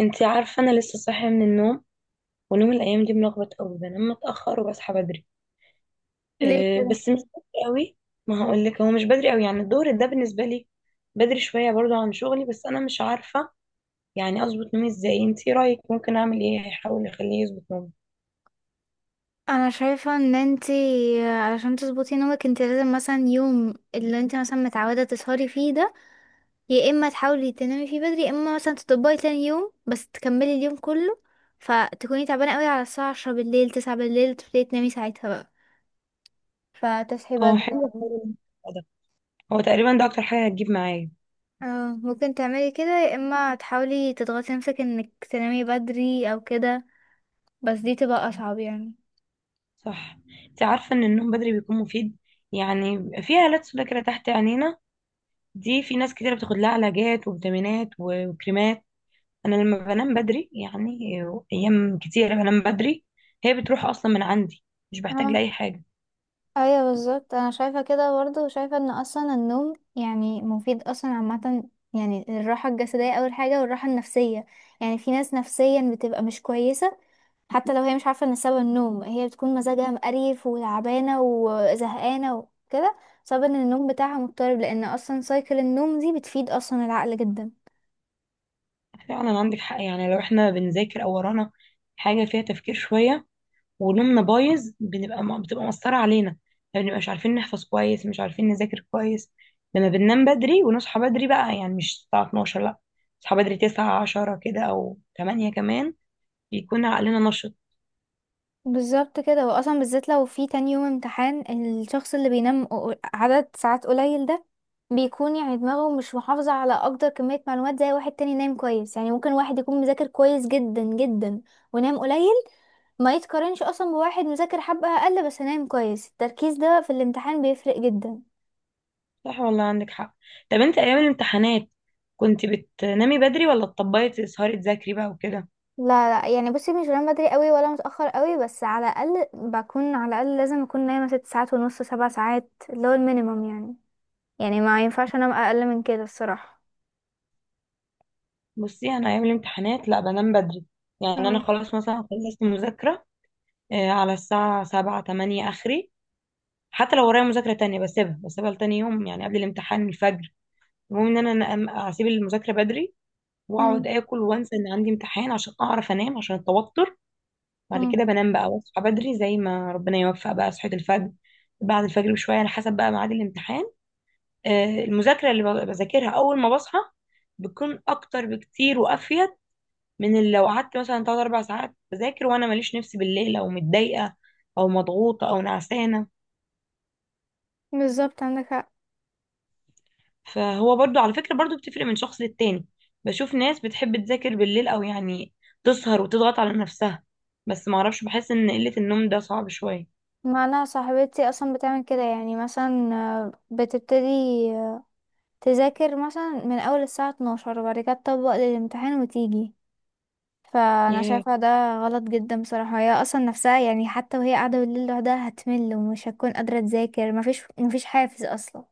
انتي عارفة انا لسه صاحية من النوم، ونوم الايام دي ملخبط قوي. بنام متأخر وبصحى بدري. ليه أه، كده؟ بس مش بدري قوي. ما هقولك هو مش بدري قوي، يعني الظهر ده بالنسبة لي بدري شوية برضو عن شغلي، بس انا مش عارفة يعني اظبط نومي ازاي. انتي رايك ممكن اعمل ايه هيحاول يخليه يظبط نومي؟ انا شايفه ان انتي، علشان تظبطي نومك، انتي لازم مثلا يوم اللي انتي مثلا متعوده تسهري فيه ده، يا اما تحاولي تنامي فيه بدري، يا اما مثلا تطبقي تاني يوم بس تكملي اليوم كله. فتكوني تعبانه قوي على الساعه 10 بالليل، 9 بالليل، تبتدي تنامي ساعتها بقى، فتصحي اه، بدري حلو يعني. حلو. ده هو تقريبا ده اكتر حاجة هتجيب معايا. اه، ممكن تعملي كده، يا اما تحاولي تضغطي نفسك انك تنامي بدري او كده، بس دي تبقى اصعب يعني. صح. انتي عارفة ان النوم بدري بيكون مفيد. يعني بيبقى في هالات سودا كده تحت عينينا، دي في ناس كتير بتاخد لها علاجات وفيتامينات وكريمات. انا لما بنام بدري، يعني ايام كتير بنام بدري، هي بتروح اصلا من عندي، مش بحتاج لاي حاجه. ايوه، بالظبط. انا شايفه كده برضه، وشايفه ان اصلا النوم يعني مفيد اصلا عامه. يعني الراحه الجسديه اول حاجه، والراحه النفسيه. يعني في ناس نفسيا بتبقى مش كويسه، حتى لو هي مش عارفه ان سبب النوم، هي بتكون مزاجها مقريف وتعبانه وزهقانه وكده، بسبب ان النوم بتاعها مضطرب، لان اصلا سايكل النوم دي بتفيد اصلا العقل جدا. فعلا عندك حق. يعني لو احنا بنذاكر او ورانا حاجه فيها تفكير شويه ونومنا بايظ، ما بتبقى مأثره علينا، ما بنبقاش عارفين نحفظ كويس، مش عارفين نذاكر كويس. لما بننام بدري ونصحى بدري بقى، يعني مش الساعه 12، لا، نصحى بدري 9 10 كده او 8 كمان، بيكون عقلنا نشط. بالظبط كده، واصلا بالذات لو في تاني يوم امتحان، الشخص اللي بينام عدد ساعات قليل ده بيكون يعني دماغه مش محافظة على اكتر كمية معلومات زي واحد تاني نايم كويس. يعني ممكن واحد يكون مذاكر كويس جدا جدا ونام قليل، ما يتقارنش اصلا بواحد مذاكر حبة اقل بس نايم كويس. التركيز ده في الامتحان بيفرق جدا. صح والله عندك حق. طب انت ايام الامتحانات كنت بتنامي بدري ولا تطبقي تسهري تذاكري بقى وكده؟ لا، لا، يعني بصي مش بنام بدري قوي ولا متأخر قوي، بس على الاقل بكون، على الاقل لازم اكون نايمة 6 ساعات ونص، 7 ساعات، اللي هو المينيمم يعني. يعني ما ينفعش انام اقل من كده الصراحة. بصي انا ايام الامتحانات لا بنام بدري. يعني انا اه. خلاص مثلا خلصت مذاكرة على الساعة سبعة تمانية اخري، حتى لو ورايا مذاكرة تانية بسيبها بسيبها لتاني يوم، يعني قبل الامتحان الفجر. المهم ان انا اسيب المذاكرة بدري واقعد امم. اكل وانسى ان عندي امتحان عشان اعرف انام، عشان التوتر. بعد امم. كده بنام بقى واصحى بدري زي ما ربنا يوفق، بقى صحيت الفجر، بعد الفجر بشوية على حسب بقى ميعاد الامتحان. المذاكرة اللي بذاكرها أول ما بصحى بتكون أكتر بكتير وأفيد من اللي لو قعدت مثلا تلات أربع ساعات بذاكر وأنا ماليش نفسي بالليل، أو متضايقة أو مضغوطة أو نعسانة. بالظبط، عندك حق. فهو برضو على فكرة برضو بتفرق من شخص للتاني. بشوف ناس بتحب تذاكر بالليل، أو يعني تسهر وتضغط على نفسها، بس معرفش، بحس إن قلة النوم ده صعب شوية. ما انا صاحبتي اصلا بتعمل كده، يعني مثلا بتبتدي آه، تذاكر مثلا من اول الساعة 12، وبعد كده تطبق للامتحان وتيجي. فانا ياه. شايفة ده غلط جدا بصراحة. هي اصلا نفسها يعني حتى وهي قاعدة بالليل لوحدها هتمل، ومش هتكون قادرة تذاكر، مفيش حافز اصلا.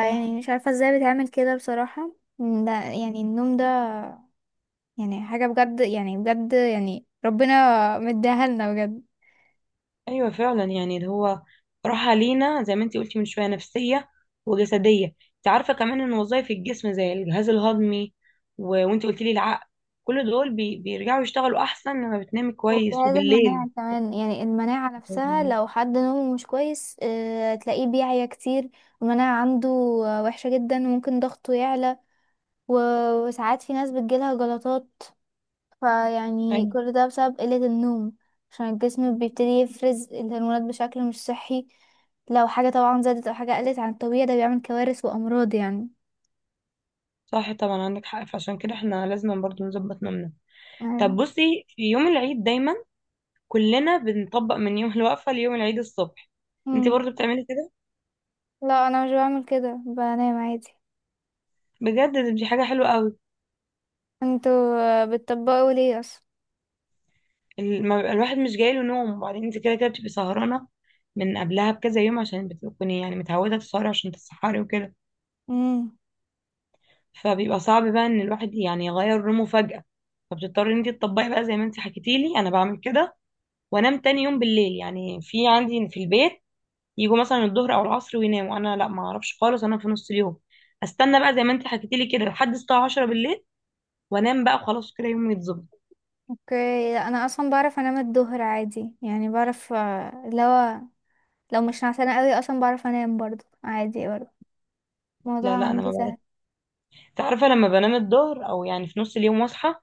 صح. مش عارفة ازاي بتعمل كده بصراحة. ده يعني النوم ده، يعني حاجة بجد، يعني بجد، يعني ربنا مديها لنا بجد. ايوه فعلا، يعني اللي هو راحه لينا زي ما انت قلتي من شويه، نفسيه وجسديه. انت عارفه كمان ان وظائف الجسم زي الجهاز الهضمي و... وانت قلتي لي العقل، كل دول بيرجعوا يشتغلوا احسن لما بتنامي كويس وجهاز وبالليل. المناعة كمان، يعني المناعة نفسها لازم- لو حد نومه مش كويس تلاقيه بيعيا كتير. المناعة عنده وحشة جدا، وممكن ضغطه يعلى. وساعات في ناس بتجيلها جلطات. فيعني ايوه. كل ده بسبب قلة النوم، عشان الجسم بيبتدي يفرز الهرمونات بشكل مش صحي. لو حاجة طبعا زادت أو حاجة قلت عن الطبيعي، ده بيعمل كوارث وأمراض يعني. صح طبعا عندك حق، فعشان كده احنا لازم برضو نظبط نومنا. طب بصي، في يوم العيد دايما كلنا بنطبق من يوم الوقفه ليوم العيد الصبح، انت أيوة. برضو بتعملي كده؟ لا، انا مش بعمل كده، بنام عادي. بجد دي حاجه حلوه قوي. انتوا بتطبقوا ليه اصلا؟ ما بيبقى الواحد مش جايله نوم، وبعدين انت كده كده بتبقي سهرانة من قبلها بكذا يوم، عشان بتكوني يعني متعودة تسهري عشان تتسحري وكده. امم. فبيبقى صعب بقى ان الواحد يعني يغير نومه فجأة، فبتضطري ان انت تطبقي بقى زي ما انت حكيتيلي انا بعمل كده. وانام تاني يوم بالليل. يعني في عندي في البيت يجوا مثلا الظهر او العصر ويناموا، انا لا، ما اعرفش خالص. انا في نص اليوم استنى بقى زي ما انت حكيتيلي كده لحد الساعة 10 بالليل، وانام بقى وخلاص كده يومي يتظبط. اوكي. لا، انا اصلا بعرف انام الظهر عادي، يعني بعرف لو مش نعسانه قوي اصلا بعرف انام برضو عادي، برضو الموضوع لا لا، انا ما عندي سهل. تعرف لما بنام الظهر او يعني في نص اليوم واصحى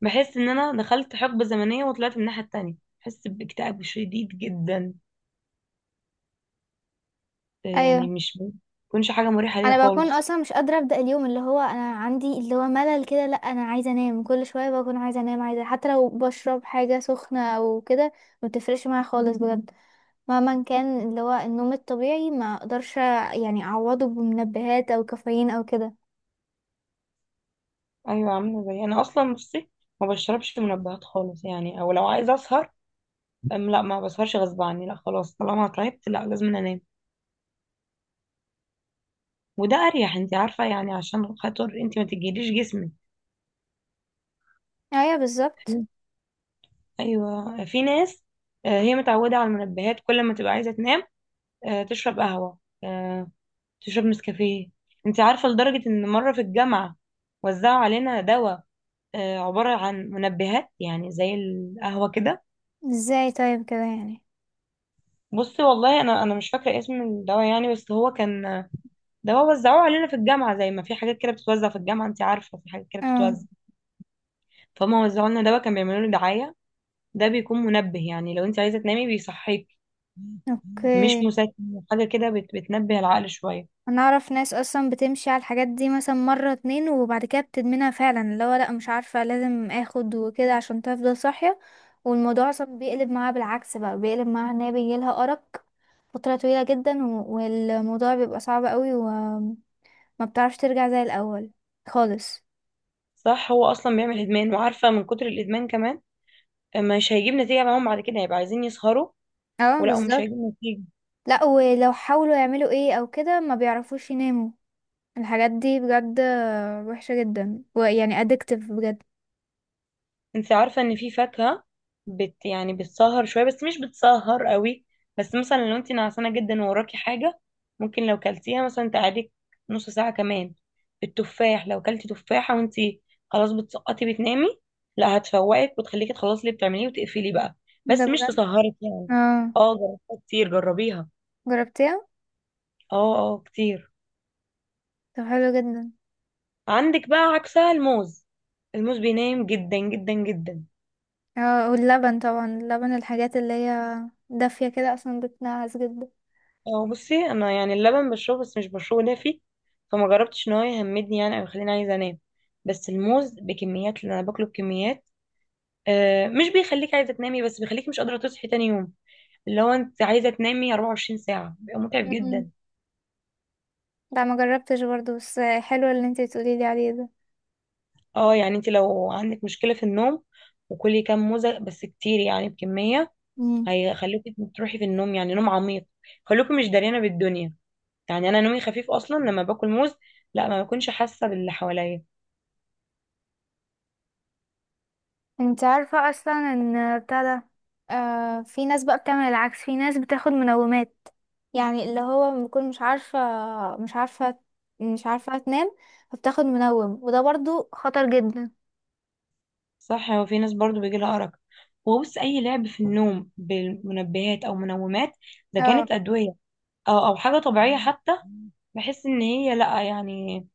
بحس ان انا دخلت حقبة زمنية وطلعت من الناحية التانية، بحس باكتئاب شديد جدا. يعني ايوه، مش بتكونش حاجة مريحة ليا انا بكون خالص. اصلا مش قادره ابدا. اليوم اللي هو انا عندي اللي هو ملل كده، لا انا عايزه انام كل شويه، بكون عايزه انام، عايزه حتى لو بشرب حاجه سخنه او كده، ما بتفرقش معايا خالص بجد. مهما كان، اللي هو النوم الطبيعي ما اقدرش يعني اعوضه بمنبهات او كافيين او كده. ايوه. عاملة زي انا اصلا. بصي ما بشربش منبهات خالص، يعني او لو عايزة اسهر أم لا ما بسهرش غصب عني، لا خلاص طالما تعبت لا لازم انام، وده اريح. انت عارفة يعني عشان خاطر انت ما تجيليش جسمك. ايوه، بالظبط. ايوه. في ناس هي متعودة على المنبهات كل ما تبقى عايزة تنام، تشرب قهوة، آه، تشرب نسكافيه. انت عارفة لدرجة ان مرة في الجامعة وزعوا علينا دواء عبارة عن منبهات، يعني زي القهوة كده. ازاي طيب كده يعني؟ بصي والله انا مش فاكرة اسم الدواء، يعني بس هو كان دواء وزعوه علينا في الجامعة. زي ما في حاجات كده بتتوزع في الجامعة، انت عارفة في حاجات كده اه. بتتوزع، فهم وزعوا لنا دواء كان بيعملوا له دعاية. ده بيكون منبه، يعني لو انت عايزة تنامي بيصحيك، اوكي. مش مسكن حاجة كده، بتنبه العقل شوية. انا اعرف ناس اصلا بتمشي على الحاجات دي مثلا مرة، اتنين، وبعد كده بتدمنها فعلا، اللي هو لا مش عارفة، لازم اخد وكده عشان تفضل صاحية. والموضوع اصلا بيقلب معاها بالعكس، بقى بيقلب معاها ان هي بيجيلها ارق فترة طويلة جدا، والموضوع بيبقى صعب قوي، وما بتعرفش ترجع زي الاول خالص. صح، هو اصلا بيعمل ادمان، وعارفة من كتر الادمان كمان مش هيجيب نتيجة معاهم، بعد كده هيبقى عايزين يسهروا اه، ومش بالظبط. هيجيب نتيجة. لا، ولو حاولوا يعملوا ايه او كده ما بيعرفوش يناموا. الحاجات دي بجد وحشة جدا، ويعني ادكتيف بجد. انت عارفة ان في فاكهة يعني بتسهر شوية بس مش بتسهر قوي. بس مثلا لو انت نعسانة جدا ووراكي حاجة، ممكن لو كلتيها مثلا تقعدك نص ساعة كمان. التفاح لو كلتي تفاحة وانت خلاص بتسقطي بتنامي، لا، هتفوقك وتخليكي تخلصي اللي بتعمليه وتقفلي بقى، ده بس مش بجد. تسهرك يعني. اه. اه، جربتها كتير، جربيها. جربتيها؟ اه اه، كتير. طب حلو جدا. عندك بقى عكسها الموز. الموز بينام جدا جدا جدا. اه، واللبن طبعا، اللبن الحاجات اللي هي دافية كده اصلا بتنعس جدا. هو بصي انا يعني اللبن بشربه بس مش بشربه دافي، فما جربتش ان هو يهمدني يعني او يخليني عايزه انام. بس الموز بكميات، اللي انا باكله بكميات، مش بيخليك عايزه تنامي، بس بيخليك مش قادره تصحي تاني يوم. اللي هو انت عايزه تنامي 24 ساعه، بيبقى متعب مم. جدا. لا، ما جربتش برضو، بس حلو اللي انتي تقولي لي عليه ده. اه، يعني انت لو عندك مشكله في النوم وكلي كام موزه بس كتير، يعني بكميه، مم. هيخليكي تروحي في النوم، يعني نوم عميق، خلوكي مش داريانه بالدنيا. يعني انا نومي خفيف اصلا، لما باكل موز لا، ما بكونش حاسه باللي حواليا. انت عارفة اصلا ان بتاع ده، في ناس بقى بتعمل العكس، في ناس بتاخد منومات. يعني اللي هو بكون مش عارفة، مش عارفة مش عارفة تنام، فبتاخد منوم، وده برضو خطر جدا. صح، هو في ناس برضو بيجي لها أرق. وبص، أي لعب في النوم بالمنبهات أو منومات، ده اه، كانت أدوية أو حاجة طبيعية حتى، بحس إن هي لأ، يعني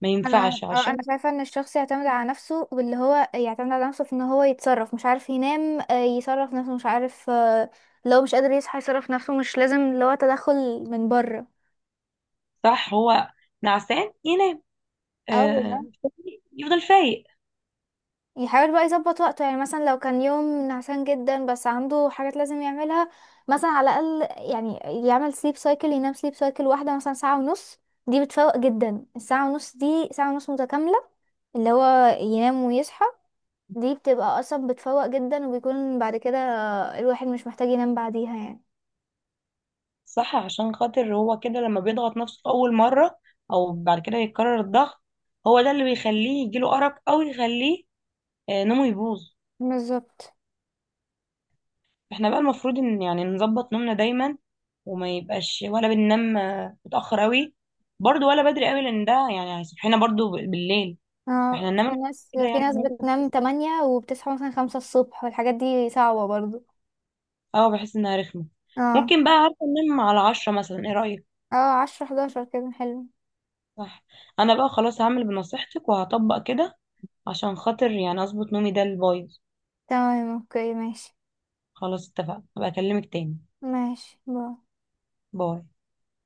ما انا ينفعش اه انا عشان. شايفه ان الشخص يعتمد على نفسه، واللي هو يعتمد على نفسه في ان هو يتصرف. مش عارف ينام يصرف نفسه، مش عارف لو مش قادر يصحى يصرف نفسه، مش لازم اللي هو تدخل من بره. صح، هو نعسان ينام، اه، آه بالظبط. يفضل فايق. يحاول بقى يظبط وقته، يعني مثلا لو كان يوم نعسان جدا بس عنده حاجات لازم يعملها، مثلا على الأقل يعني يعمل سليب سايكل، ينام سليب سايكل واحدة مثلا ساعة ونص. دي بتفوق جدا، الساعة ونص دي ساعة ونص متكاملة، اللي هو ينام ويصحى، دي بتبقى أصلا بتفوق جدا، وبيكون بعد كده الواحد مش محتاج ينام بعديها يعني. صح، عشان خاطر هو كده لما بيضغط نفسه في أول مرة أو بعد كده يتكرر الضغط، هو ده اللي بيخليه يجيله أرق أو يخليه نومه يبوظ. بالظبط. احنا بقى المفروض ان يعني نظبط نومنا دايما، وما يبقاش ولا بننام متأخر قوي برضو، ولا بدري قوي، لان ده يعني هيصحينا برضو بالليل. اه، احنا في ننام ناس كده في يعني ناس هنبقى بتنام تمانية وبتصحى مثلا 5 الصبح، والحاجات دي صعبة برضو. اه بحس انها رخمة. اه. ممكن بقى، عارفة، ننام على عشرة مثلا، ايه رأيك؟ اه، 10 11 كده حلو. صح. انا بقى خلاص هعمل بنصيحتك وهطبق كده، عشان خاطر يعني اظبط نومي ده البايظ. تمام، اوكي، ماشي. خلاص اتفقنا، هبقى اكلمك تاني. ماشي، باي. باي.